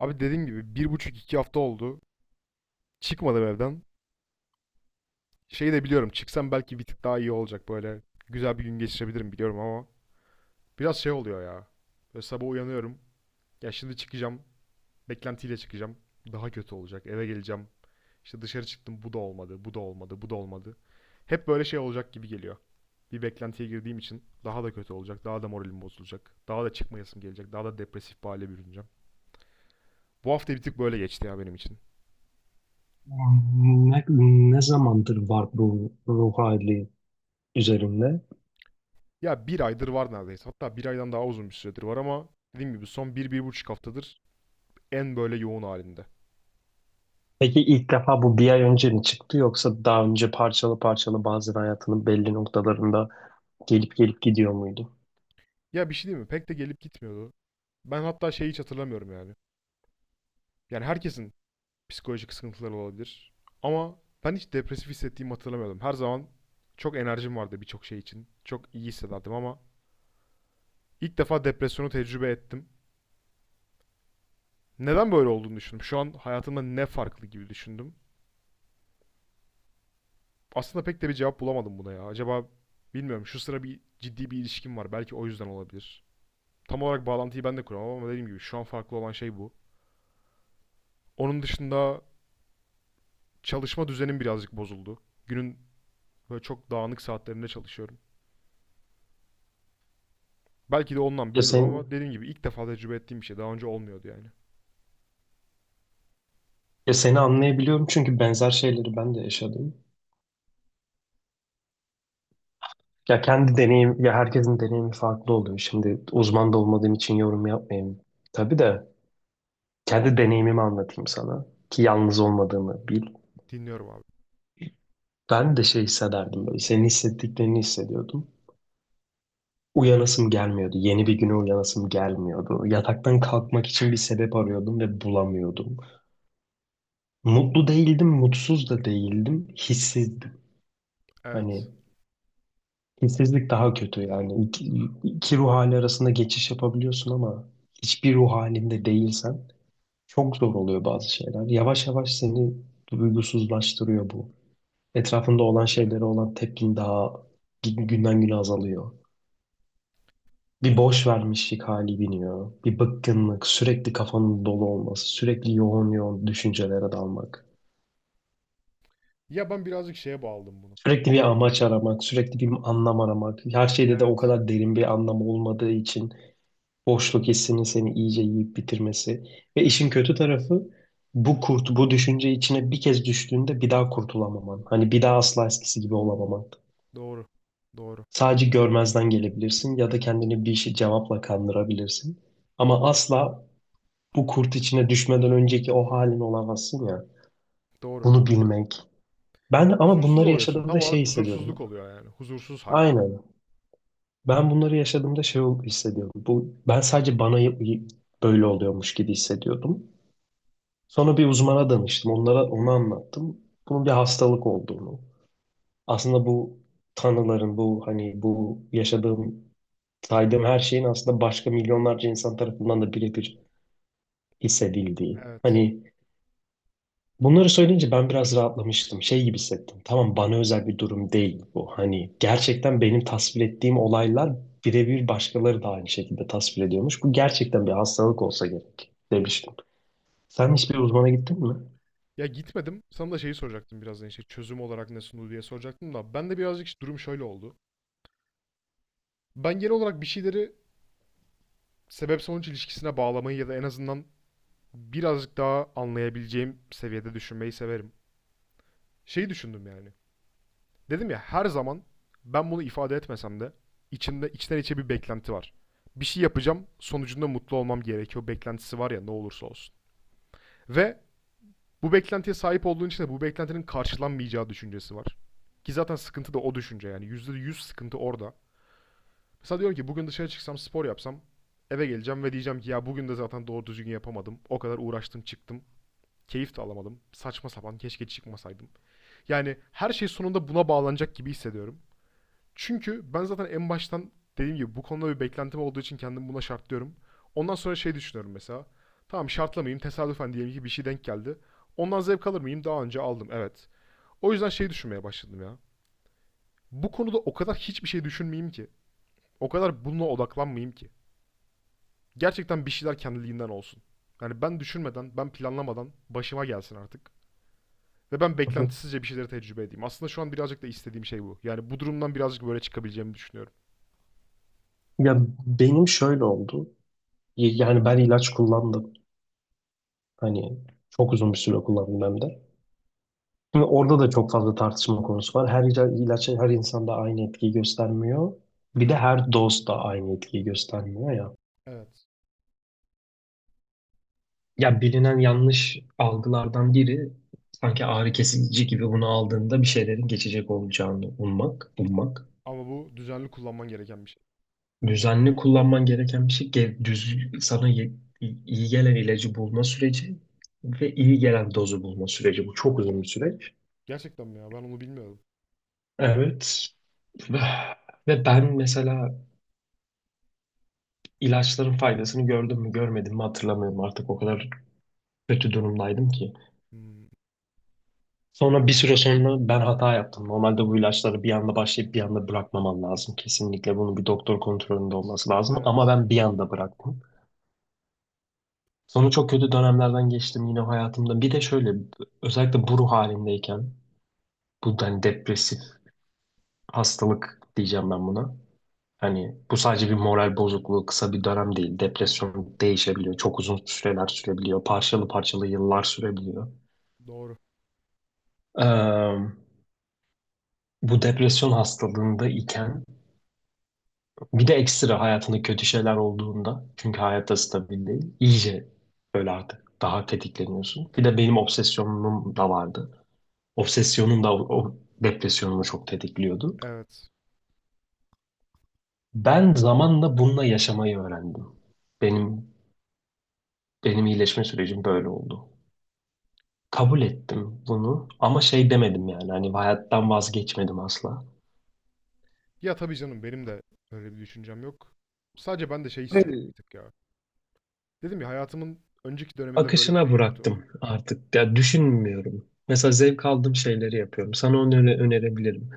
Abi dediğim gibi bir buçuk iki hafta oldu. Çıkmadım evden. Şeyi de biliyorum çıksam belki bir tık daha iyi olacak böyle. Güzel bir gün geçirebilirim biliyorum ama biraz şey oluyor ya. Böyle sabah uyanıyorum. Ya şimdi çıkacağım. Beklentiyle çıkacağım. Daha kötü olacak. Eve geleceğim. İşte dışarı çıktım bu da olmadı, bu da olmadı, bu da olmadı. Hep böyle şey olacak gibi geliyor. Bir beklentiye girdiğim için daha da kötü olacak, daha da moralim bozulacak, daha da çıkmayasım gelecek, daha da depresif bir hale bürüneceğim. Bu hafta bir tık böyle geçti ya benim için. Ne, ne zamandır var bu ruh hali üzerinde? Ya bir aydır var neredeyse. Hatta bir aydan daha uzun bir süredir var ama dediğim gibi son bir, bir buçuk haftadır en böyle yoğun halinde. Peki ilk defa bu bir ay önce mi çıktı yoksa daha önce parçalı parçalı bazen hayatının belli noktalarında gelip gelip gidiyor muydu? Ya bir şey değil mi? Pek de gelip gitmiyordu. Ben hatta şeyi hiç hatırlamıyorum yani. Yani herkesin psikolojik sıkıntıları olabilir. Ama ben hiç depresif hissettiğimi hatırlamıyordum. Her zaman çok enerjim vardı birçok şey için. Çok iyi hissederdim ama ilk defa depresyonu tecrübe ettim. Neden böyle olduğunu düşündüm. Şu an hayatımda ne farklı gibi düşündüm. Aslında pek de bir cevap bulamadım buna ya. Acaba bilmiyorum şu sıra bir ciddi bir ilişkim var. Belki o yüzden olabilir. Tam olarak bağlantıyı ben de kuramam ama dediğim gibi şu an farklı olan şey bu. Onun dışında çalışma düzenim birazcık bozuldu. Günün böyle çok dağınık saatlerinde çalışıyorum. Belki de ondan Ya sen bilmiyorum ama dediğim gibi ilk defa tecrübe ettiğim bir şey. Daha önce olmuyordu yani. Ya seni anlayabiliyorum çünkü benzer şeyleri ben de yaşadım. Ya kendi deneyim ya herkesin deneyimi farklı oluyor. Şimdi uzman da olmadığım için yorum yapmayayım. Tabii de kendi deneyimimi anlatayım sana ki yalnız olmadığını bil. Dinliyorum abi. Ben de şey hissederdim, böyle senin hissettiklerini hissediyordum. Uyanasım gelmiyordu. Yeni bir güne uyanasım gelmiyordu. Yataktan kalkmak için bir sebep arıyordum ve bulamıyordum. Mutlu değildim, mutsuz da değildim. Hissizdim. Evet. Hani hissizlik daha kötü yani. İki ruh hali arasında geçiş yapabiliyorsun ama hiçbir ruh halinde değilsen çok zor oluyor bazı şeyler. Yavaş yavaş seni duygusuzlaştırıyor bu. Etrafında olan şeylere olan tepkin daha günden güne azalıyor. Bir boş vermişlik hali biniyor. Bir bıkkınlık, sürekli kafanın dolu olması, sürekli yoğun yoğun düşüncelere dalmak. Ya ben birazcık şeye bağladım bunu. Sürekli bir amaç aramak, sürekli bir anlam aramak. Her şeyde de o Evet. kadar derin bir anlam olmadığı için boşluk hissinin seni iyice yiyip bitirmesi. Ve Evet. işin kötü tarafı, bu kurt, bu düşünce içine bir kez düştüğünde bir daha kurtulamaman. Hani bir daha asla eskisi gibi olamaman. Doğru. Doğru. Sadece görmezden gelebilirsin ya da kendini bir şey cevapla kandırabilirsin. Ama asla bu kurt içine düşmeden önceki o halin olamazsın ya. Doğru. Bunu bilmek. Ben ama Huzursuz bunları oluyorsun. Tam yaşadığımda şey olarak huzursuzluk hissediyordum. oluyor yani. Huzursuz hal. Aynen. Ben bunları yaşadığımda şey hissediyordum. Bu, ben sadece bana böyle oluyormuş gibi hissediyordum. Sonra bir uzmana danıştım. Onlara onu anlattım. Bunun bir hastalık olduğunu. Aslında bu tanıların, bu hani bu yaşadığım, saydığım her şeyin aslında başka milyonlarca insan tarafından da birebir hissedildiği. Evet. Hani bunları söyleyince ben biraz rahatlamıştım. Şey gibi hissettim. Tamam, bana özel bir durum değil bu. Hani gerçekten benim tasvir ettiğim olaylar birebir başkaları da aynı şekilde tasvir ediyormuş. Bu gerçekten bir hastalık olsa gerek demiştim. Sen hiçbir uzmana gittin mi? Ya gitmedim. Sana da şeyi soracaktım birazdan işte çözüm olarak ne sundu diye soracaktım da ben de birazcık işte durum şöyle oldu. Ben genel olarak bir şeyleri sebep sonuç ilişkisine bağlamayı ya da en azından birazcık daha anlayabileceğim seviyede düşünmeyi severim. Şeyi düşündüm yani. Dedim ya her zaman ben bunu ifade etmesem de içimde içten içe bir beklenti var. Bir şey yapacağım, sonucunda mutlu olmam gerekiyor beklentisi var ya ne olursa olsun. Ve bu beklentiye sahip olduğun için de bu beklentinin karşılanmayacağı düşüncesi var. Ki zaten sıkıntı da o düşünce yani. Yüzde yüz sıkıntı orada. Mesela diyorum ki bugün dışarı çıksam spor yapsam eve geleceğim ve diyeceğim ki ya bugün de zaten doğru düzgün yapamadım. O kadar uğraştım çıktım. Keyif de alamadım. Saçma sapan keşke çıkmasaydım. Yani her şey sonunda buna bağlanacak gibi hissediyorum. Çünkü ben zaten en baştan dediğim gibi bu konuda bir beklentim olduğu için kendimi buna şartlıyorum. Ondan sonra şey düşünüyorum mesela. Tamam şartlamayayım tesadüfen diyelim ki bir şey denk geldi. Ondan zevk alır mıyım? Daha önce aldım evet. O yüzden şey düşünmeye başladım ya. Bu konuda o kadar hiçbir şey düşünmeyeyim ki. O kadar bununla odaklanmayayım ki. Gerçekten bir şeyler kendiliğinden olsun. Yani ben düşünmeden, ben planlamadan başıma gelsin artık. Ve ben Hı hı. beklentisizce bir şeyleri tecrübe edeyim. Aslında şu an birazcık da istediğim şey bu. Yani bu durumdan birazcık böyle çıkabileceğimi düşünüyorum. Ya benim şöyle oldu. Yani ben ilaç kullandım. Hani çok uzun bir süre kullandım hem de. Şimdi orada da çok fazla tartışma konusu var. Her ilaç her insanda aynı etkiyi göstermiyor. Bir de her doz da aynı etkiyi göstermiyor ya. Evet. Ya bilinen yanlış algılardan biri, sanki ağrı kesici gibi bunu aldığında bir şeylerin geçecek olacağını ummak, ummak. Ama bu düzenli kullanman gereken bir şey. Düzenli kullanman gereken bir şey, iyi gelen ilacı bulma süreci ve iyi gelen dozu bulma süreci. Bu çok uzun bir süreç. Gerçekten mi ya? Ben onu bilmiyordum. Evet. Ve ben mesela ilaçların faydasını gördüm mü görmedim mi hatırlamıyorum artık, o kadar kötü durumdaydım ki. Hmm, Sonra bir süre sonra ben hata yaptım. Normalde bu ilaçları bir anda başlayıp bir anda bırakmaman lazım. Kesinlikle bunun bir doktor kontrolünde olması lazım. Ama evet. ben bir anda bıraktım. Sonra çok kötü dönemlerden geçtim yine hayatımda. Bir de şöyle, özellikle bu ruh halindeyken, bu hani depresif hastalık diyeceğim ben buna. Hani bu sadece bir moral bozukluğu, kısa bir dönem değil. Depresyon değişebiliyor. Çok uzun süreler sürebiliyor. Parçalı parçalı yıllar sürebiliyor. Doğru. Ee, bu depresyon hastalığında iken bir de ekstra hayatında kötü şeyler olduğunda, çünkü hayatta stabil değil, iyice böyle artık daha tetikleniyorsun. Bir de benim obsesyonum da vardı. Obsesyonum da o depresyonumu çok tetikliyordu. Evet. Ben zamanla bununla yaşamayı öğrendim. Benim benim iyileşme sürecim böyle oldu. Kabul ettim bunu ama şey demedim yani, hani hayattan vazgeçmedim asla. Ya tabii canım benim de öyle bir düşüncem yok. Sadece ben de şey istiyorum bir tık ya. Dedim ya hayatımın önceki döneminde böyle bir Akışına şey yoktu. bıraktım artık. Ya düşünmüyorum. Mesela zevk aldığım şeyleri yapıyorum. Sana onu önerebilirim.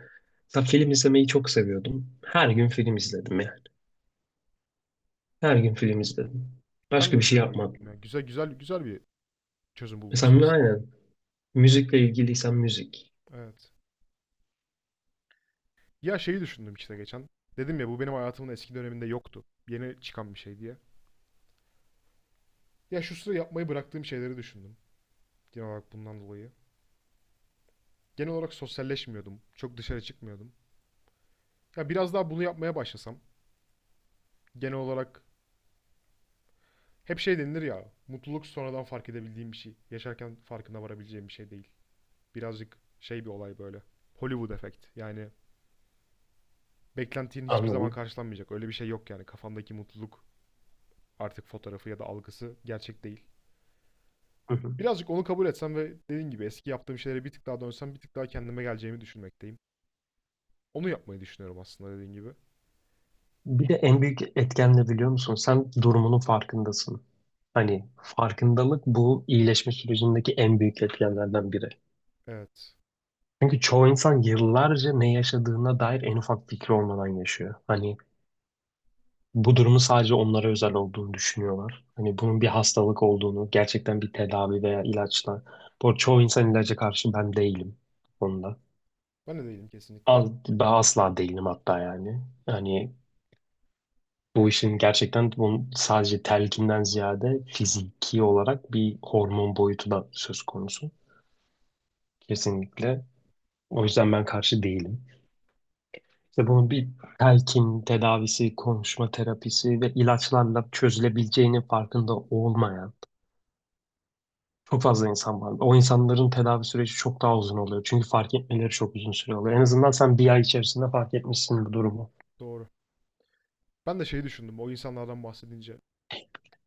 Mesela film izlemeyi çok seviyordum. Her gün film izledim yani. Her gün film izledim. Ben de Başka bir şey izliyorum Argen yapmadım. ya. Güzel güzel güzel bir çözüm bulmuşsun Mesela aslında. aynen, müzikle ilgiliysen müzik. Evet. Ya şeyi düşündüm işte geçen. Dedim ya bu benim hayatımın eski döneminde yoktu. Yeni çıkan bir şey diye. Ya şu sıra yapmayı bıraktığım şeyleri düşündüm. Genel olarak bundan dolayı. Genel olarak sosyalleşmiyordum. Çok dışarı çıkmıyordum. Ya biraz daha bunu yapmaya başlasam. Genel olarak hep şey denilir ya. Mutluluk sonradan fark edebildiğim bir şey. Yaşarken farkına varabileceğim bir şey değil. Birazcık şey bir olay böyle. Hollywood efekt. Yani beklentinin hiçbir zaman Anladım. karşılanmayacak. Öyle bir şey yok yani. Kafamdaki mutluluk artık fotoğrafı ya da algısı gerçek değil. Hı hı. Birazcık onu kabul etsem ve dediğim gibi eski yaptığım şeylere bir tık daha dönsem bir tık daha kendime geleceğimi düşünmekteyim. Onu yapmayı düşünüyorum aslında dediğim gibi. Bir de en büyük etken ne biliyor musun? Sen durumunun farkındasın. Hani farkındalık bu iyileşme sürecindeki en büyük etkenlerden biri. Evet. Çünkü çoğu insan yıllarca ne yaşadığına dair en ufak fikri olmadan yaşıyor. Hani bu durumu sadece onlara özel olduğunu düşünüyorlar. Hani bunun bir hastalık olduğunu, gerçekten bir tedavi veya ilaçla. Bu arada çoğu insan ilaca karşı, ben değilim bu konuda. Ben de değilim kesinlikle. Ben asla değilim hatta yani. Hani bu işin gerçekten, bunun sadece telkinden ziyade fiziki olarak bir hormon boyutu da söz konusu. Kesinlikle. O yüzden ben karşı değilim. İşte bunun bir telkin tedavisi, konuşma terapisi ve ilaçlarla çözülebileceğinin farkında olmayan çok fazla insan var. O insanların tedavi süreci çok daha uzun oluyor. Çünkü fark etmeleri çok uzun süre oluyor. En azından sen bir ay içerisinde fark etmişsin bu durumu. Doğru. Ben de şeyi düşündüm o insanlardan bahsedince.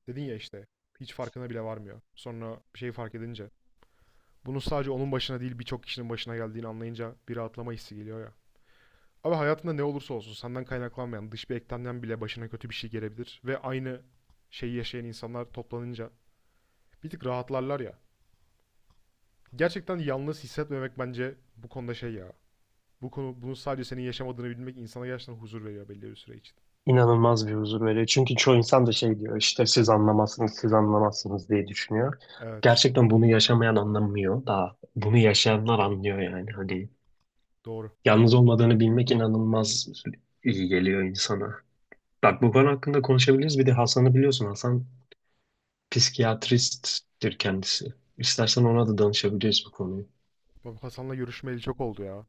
Dedin ya işte hiç farkına bile varmıyor. Sonra bir şeyi fark edince. Bunun sadece onun başına değil birçok kişinin başına geldiğini anlayınca bir rahatlama hissi geliyor ya. Abi hayatında ne olursa olsun senden kaynaklanmayan dış bir eklemden bile başına kötü bir şey gelebilir. Ve aynı şeyi yaşayan insanlar toplanınca bir tık rahatlarlar ya. Gerçekten yalnız hissetmemek bence bu konuda şey ya. Bu konu bunu sadece senin yaşamadığını bilmek insana gerçekten huzur veriyor belli bir süre için. İnanılmaz bir huzur veriyor. Çünkü çoğu insan da şey diyor işte, siz anlamazsınız, siz anlamazsınız diye düşünüyor. Evet, Gerçekten bunu yaşamayan anlamıyor da bunu yaşayanlar anlıyor yani. Hani doğru. yalnız olmadığını bilmek inanılmaz iyi geliyor insana. Bak, bu konu hakkında konuşabiliriz. Bir de Hasan'ı biliyorsun. Hasan psikiyatristtir kendisi. İstersen ona da danışabiliriz bu konuyu. Bak Hasan'la görüşmeyeli çok oldu ya.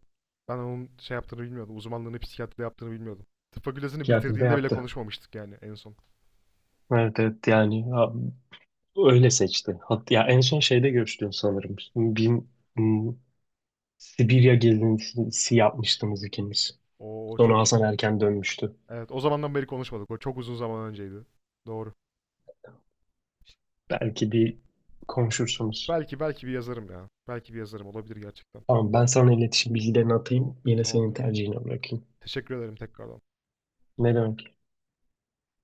Ben onun şey yaptığını bilmiyordum. Uzmanlığını psikiyatride yaptığını bilmiyordum. Tıp fakültesini Psikiyatri de bitirdiğinde bile yaptı. konuşmamıştık yani en son. Evet, evet, yani ha, öyle seçti. Hat ya en son şeyde görüştün sanırım. M, Sibirya gezintisi yapmıştınız ikiniz. O, o Sonra çok uzun. Hasan erken dönmüştü. Evet, o zamandan beri konuşmadık. O çok uzun zaman önceydi. Doğru. Belki bir konuşursunuz. Belki belki bir yazarım ya. Belki bir yazarım olabilir gerçekten. Tamam, ben sana iletişim bilgilerini Tamam, atayım. Yine tamamdır senin abi. tercihine bırakayım. Teşekkür ederim tekrardan. Ne demek?